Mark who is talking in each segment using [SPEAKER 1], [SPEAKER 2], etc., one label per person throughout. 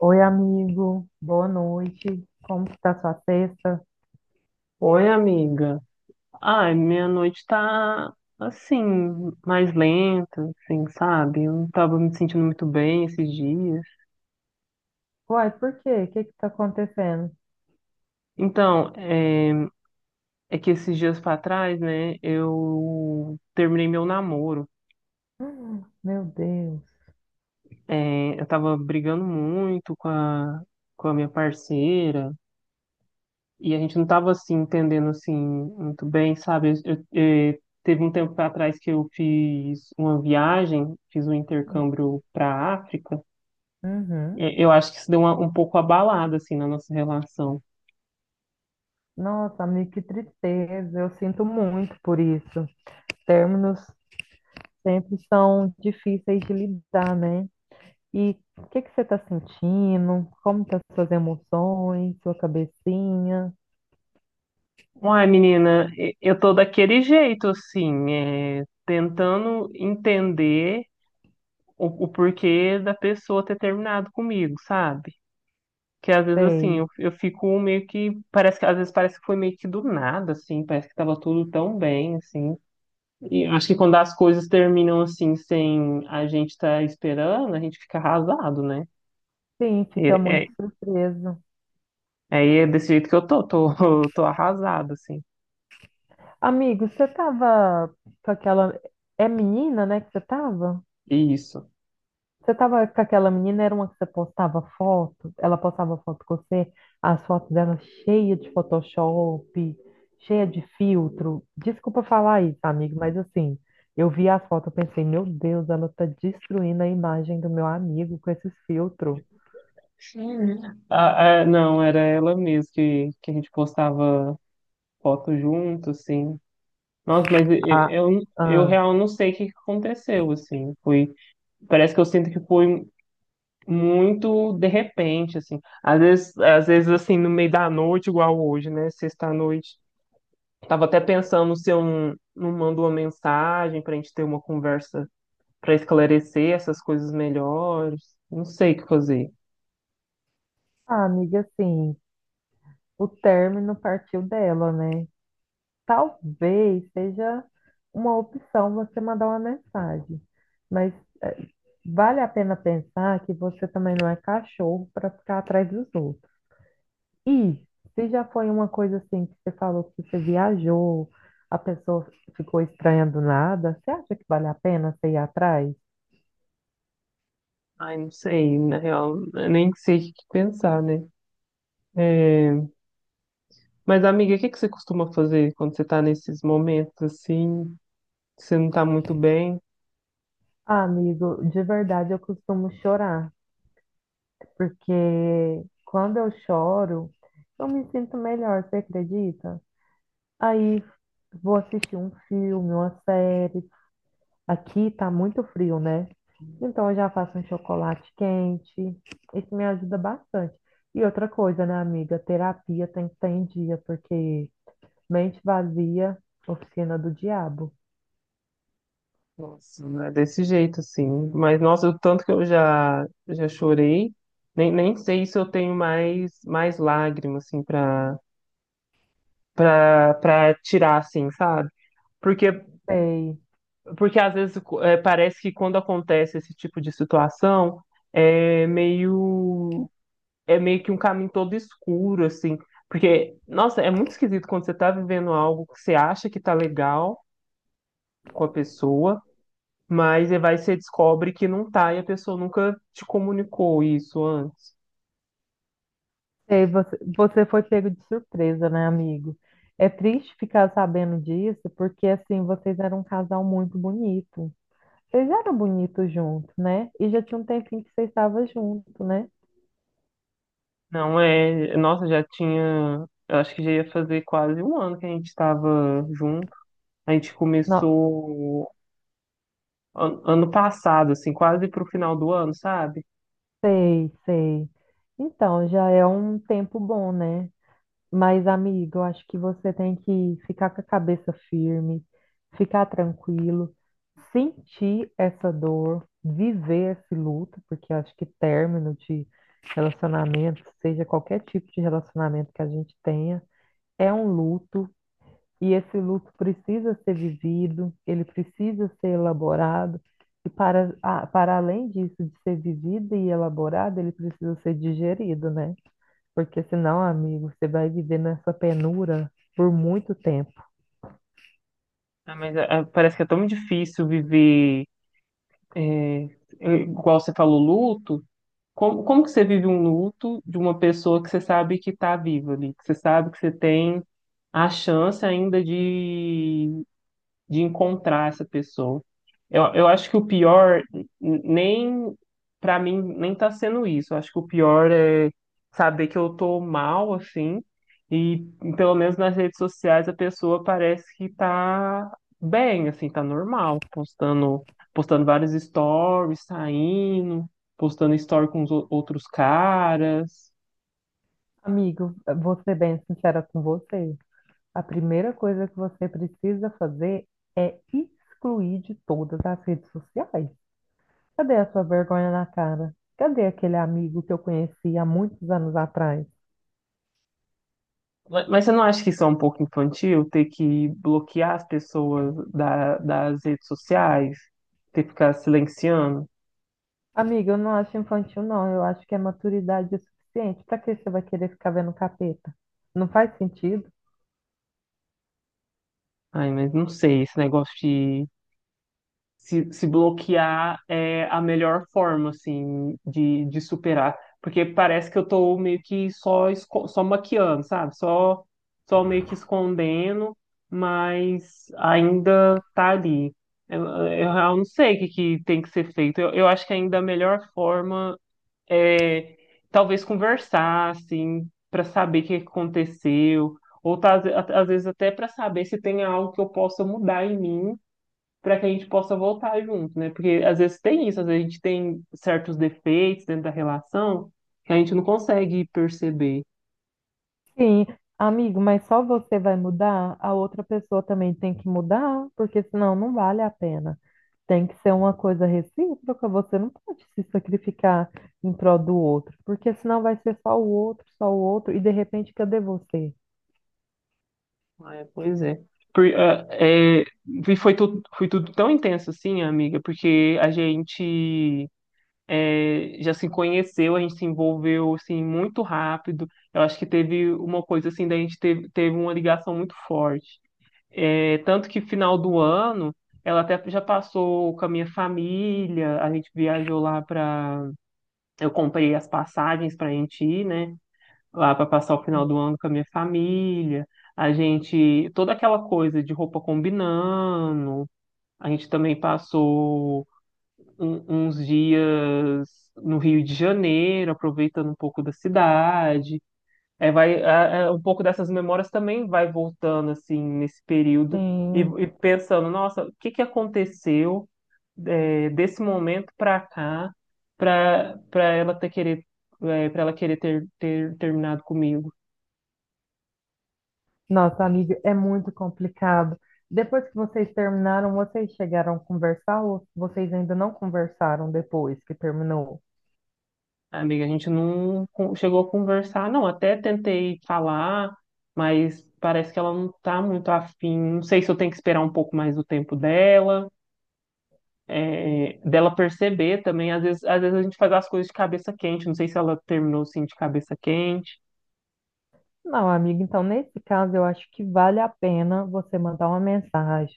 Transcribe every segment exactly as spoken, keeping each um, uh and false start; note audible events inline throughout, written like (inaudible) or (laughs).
[SPEAKER 1] Oi, amigo. Boa noite. Como que tá sua sexta?
[SPEAKER 2] Oi, amiga. Ai, minha noite tá assim, mais lenta, assim, sabe? Eu não tava me sentindo muito bem esses dias.
[SPEAKER 1] Uai, por quê? O que que tá acontecendo? (gasps)
[SPEAKER 2] Então, é, é que esses dias pra trás, né, eu terminei meu namoro.
[SPEAKER 1] Hum, meu Deus.
[SPEAKER 2] É, eu tava brigando muito com a, com a minha parceira e a gente não tava assim, entendendo assim, muito bem, sabe? Eu- eu- é, teve um tempo pra trás que eu fiz uma viagem, fiz um
[SPEAKER 1] Hum.
[SPEAKER 2] intercâmbio pra África.
[SPEAKER 1] Uhum.
[SPEAKER 2] E- Eu acho que isso deu uma- um pouco abalado, assim, na nossa relação.
[SPEAKER 1] Nossa, amigo, que tristeza. Eu sinto muito por isso. Términos sempre são difíceis de lidar, né? E o que que você tá sentindo? Como tá suas emoções, sua cabecinha?
[SPEAKER 2] Uai, menina, e- eu tô daquele jeito, assim, é, tentando entender o, o porquê da pessoa ter terminado comigo, sabe? Que às vezes, assim,
[SPEAKER 1] Sei.
[SPEAKER 2] eu, eu fico meio que, parece que, às vezes parece que foi meio que do nada, assim, parece que tava tudo tão bem, assim. E eu acho que quando as coisas terminam, assim, sem a gente estar esperando, a gente fica arrasado, né?
[SPEAKER 1] Sim,
[SPEAKER 2] E,
[SPEAKER 1] fica
[SPEAKER 2] é,
[SPEAKER 1] muito surpreso.
[SPEAKER 2] aí é desse jeito que eu tô, tô, (laughs) tô arrasado, assim.
[SPEAKER 1] Amigo, você tava com aquela... É menina, né, que você tava?
[SPEAKER 2] Isso.
[SPEAKER 1] Você tava com aquela menina, era uma que você postava foto, ela postava foto com você, as fotos dela cheia de Photoshop, cheia de filtro. Desculpa falar isso, amigo, mas assim, eu vi as fotos, eu pensei, meu Deus, ela tá destruindo a imagem do meu amigo com esses filtros.
[SPEAKER 2] Sim. Ah, ah, não, era ela mesmo que, que a gente postava foto junto, assim. Nossa, mas e- e-
[SPEAKER 1] Ah,
[SPEAKER 2] eu, eu
[SPEAKER 1] ah,
[SPEAKER 2] real não sei o que que aconteceu, assim. Foi, parece que eu sinto que foi muito de repente, assim. Às vezes, às vezes assim, no meio da noite, igual hoje, né? Sexta-noite. Tava até pensando se eu não, não mando uma mensagem pra gente ter uma conversa pra esclarecer essas coisas melhores. Não sei o que fazer.
[SPEAKER 1] ah, amiga, assim, o término partiu dela, né? Talvez seja uma opção você mandar uma mensagem, mas eh, vale a pena pensar que você também não é cachorro para ficar atrás dos outros. E se já foi uma coisa assim que você falou que você viajou, a pessoa ficou estranha do nada, você acha que vale a pena você ir atrás?
[SPEAKER 2] Ai, não sei, na real, eu nem sei o que pensar, né? É, Mas, amiga, o que que você costuma fazer quando você tá nesses momentos assim, que você não tá muito bem?
[SPEAKER 1] Ah, amigo, de verdade eu costumo chorar, porque quando eu choro, eu me sinto melhor, você acredita? Aí vou assistir um filme, uma série. Aqui tá muito frio, né? Então eu já faço um chocolate quente. Isso me ajuda bastante. E outra coisa, né, amiga? Terapia tem que estar em dia, porque mente vazia, oficina do diabo.
[SPEAKER 2] Nossa, não é desse jeito assim. Mas, nossa, o tanto que eu já, já chorei, nem, nem sei se eu tenho mais, mais lágrimas, assim, pra, pra, pra tirar, assim, sabe? Porque,
[SPEAKER 1] Sei.
[SPEAKER 2] porque às vezes é, parece que quando acontece esse tipo de situação, é meio. é meio que um caminho todo escuro, assim. Porque, nossa, é muito esquisito quando você tá vivendo algo que você acha que tá legal com a pessoa, mas aí vai você descobre que não tá e a pessoa nunca te comunicou isso antes.
[SPEAKER 1] Sei, você, você foi pego de surpresa, né, amigo? É triste ficar sabendo disso, porque assim, vocês eram um casal muito bonito. Vocês eram bonitos juntos, né? E já tinha um tempinho que vocês estavam juntos, né?
[SPEAKER 2] Não é. Nossa, já tinha. Eu acho que já ia fazer quase um ano que a gente estava junto. A gente
[SPEAKER 1] Não.
[SPEAKER 2] começou an- ano passado, assim, quase pro final do ano, sabe?
[SPEAKER 1] Sei, sei. Então, já é um tempo bom, né? Mas, amigo, eu acho que você tem que ficar com a cabeça firme, ficar tranquilo, sentir essa dor, viver esse luto, porque eu acho que término de relacionamento, seja qualquer tipo de relacionamento que a gente tenha, é um luto. E esse luto precisa ser vivido, ele precisa ser elaborado, e para, a- para além disso, de ser vivido e elaborado, ele precisa ser digerido, né? Porque senão, amigo, você vai viver nessa penura por muito tempo.
[SPEAKER 2] Ah, Mas ah, parece que é tão difícil viver, eh, igual você falou, luto. Como, como que você vive um luto de uma pessoa que você sabe que está viva ali, que você sabe que você tem a chance ainda de encontrar essa pessoa. Eu, eu acho que o pior, n- nem pra mim, nem tá sendo isso. Eu acho que o pior é saber que eu tô mal, assim, e pelo menos nas redes sociais a pessoa parece que tá bem, assim, tá normal, postando, postando vários stories, saindo, postando story com os ou- outros caras.
[SPEAKER 1] Amigo, vou ser bem sincera com você. A primeira coisa que você precisa fazer é excluir de todas as redes sociais. Cadê a sua vergonha na cara? Cadê aquele amigo que eu conheci há muitos anos atrás?
[SPEAKER 2] Mas mas você não acha que isso é um pouco infantil, ter que bloquear as pessoas da- das redes sociais, ter que ficar silenciando?
[SPEAKER 1] Amiga, eu não acho infantil, não. Eu acho que é maturidade o suficiente. Pra que você vai querer ficar vendo capeta? Não faz sentido?
[SPEAKER 2] Ai, mas não sei, esse negócio de se, se bloquear é a melhor forma, assim, de, de superar. Porque parece que eu tô meio que só, esco- só maquiando, sabe? Só, só meio que escondendo, mas ainda tá ali. Eu, eu, eu não sei o que, que tem que ser feito. Eu, eu acho que ainda a melhor forma. é, Talvez conversar, assim, para saber o que aconteceu, ou tá- às vezes até para saber se tem algo que eu possa mudar em mim para que a gente possa voltar junto, né? Porque às vezes tem isso, às vezes a gente tem certos defeitos dentro da relação que a gente não consegue perceber.
[SPEAKER 1] Sim, amigo, mas só você vai mudar, a outra pessoa também tem que mudar, porque senão não vale a pena. Tem que ser uma coisa recíproca, você não pode se sacrificar em prol do outro, porque senão vai ser só o outro, só o outro, e de repente cadê você?
[SPEAKER 2] É, pois é. Por- ah, é, e foi tudo, foi tudo tão intenso assim, amiga, porque a gente é, já se conheceu, a gente se envolveu assim muito rápido. Eu acho que teve uma coisa assim da gente teve, teve uma ligação muito forte. É, tanto que final do ano ela até já passou com a minha família, a gente viajou lá para, eu comprei as passagens para a gente ir, né? Lá para passar o final do ano com a minha família. A gente, toda aquela coisa de roupa combinando, a gente também passou um- uns dias no Rio de Janeiro, aproveitando um pouco da cidade. É, vai, é, é, um pouco dessas memórias também vai voltando assim nesse período e,
[SPEAKER 1] Sim.
[SPEAKER 2] e pensando, nossa, o que que aconteceu é, desse momento para cá para para ela ter querer para ela querer ter, ter terminado comigo.
[SPEAKER 1] Nossa, amiga, é muito complicado. Depois que vocês terminaram, vocês chegaram a conversar ou vocês ainda não conversaram depois que terminou?
[SPEAKER 2] Amiga, a gente não con- chegou a conversar, não. Até tentei falar, mas parece que ela não tá muito afim. Não sei se eu tenho que esperar um pouco mais o tempo dela, é, dela perceber também. Às vezes, às vezes a gente faz as coisas de cabeça quente. Não sei se ela terminou assim de cabeça quente.
[SPEAKER 1] Não, amiga, então nesse caso eu acho que vale a pena você mandar uma mensagem,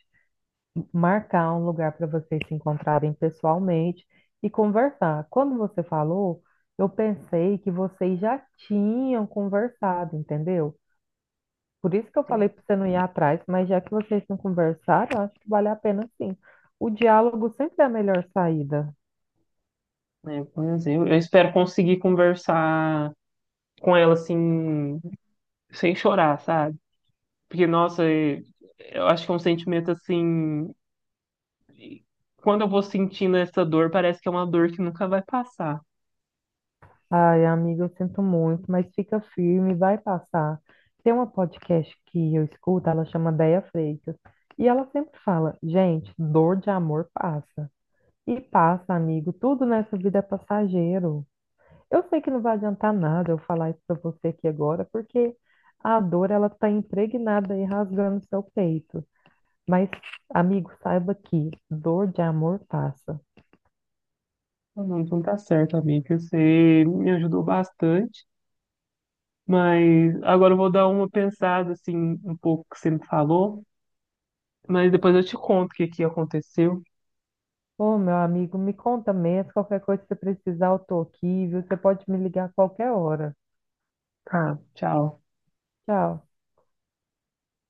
[SPEAKER 1] marcar um lugar para vocês se encontrarem pessoalmente e conversar. Quando você falou, eu pensei que vocês já tinham conversado, entendeu? Por isso que eu falei para você não ir atrás, mas já que vocês não conversaram, eu acho que vale a pena sim. O diálogo sempre é a melhor saída.
[SPEAKER 2] Né? Pois eu, eu espero conseguir conversar com ela assim, sem chorar, sabe? Porque, nossa, eh, eu acho que é um sentimento assim. Quando eu vou sentindo essa dor, parece que é uma dor que nunca vai passar.
[SPEAKER 1] Ai, amiga, eu sinto muito, mas fica firme, vai passar. Tem uma podcast que eu escuto, ela chama Déia Freitas, e ela sempre fala: gente, dor de amor passa. E passa, amigo, tudo nessa vida é passageiro. Eu sei que não vai adiantar nada eu falar isso para você aqui agora, porque a dor, ela está impregnada e rasgando seu peito. Mas, amigo, saiba que dor de amor passa.
[SPEAKER 2] Não, então tá certo, amiga. Você me ajudou bastante, mas agora eu vou dar uma pensada assim, um pouco que você me falou. Mas depois eu te conto o que que aconteceu.
[SPEAKER 1] Ô, meu amigo, me conta mesmo. Qualquer coisa que você precisar, eu tô aqui, viu? Você pode me ligar a qualquer hora.
[SPEAKER 2] Tá, tchau.
[SPEAKER 1] Tchau.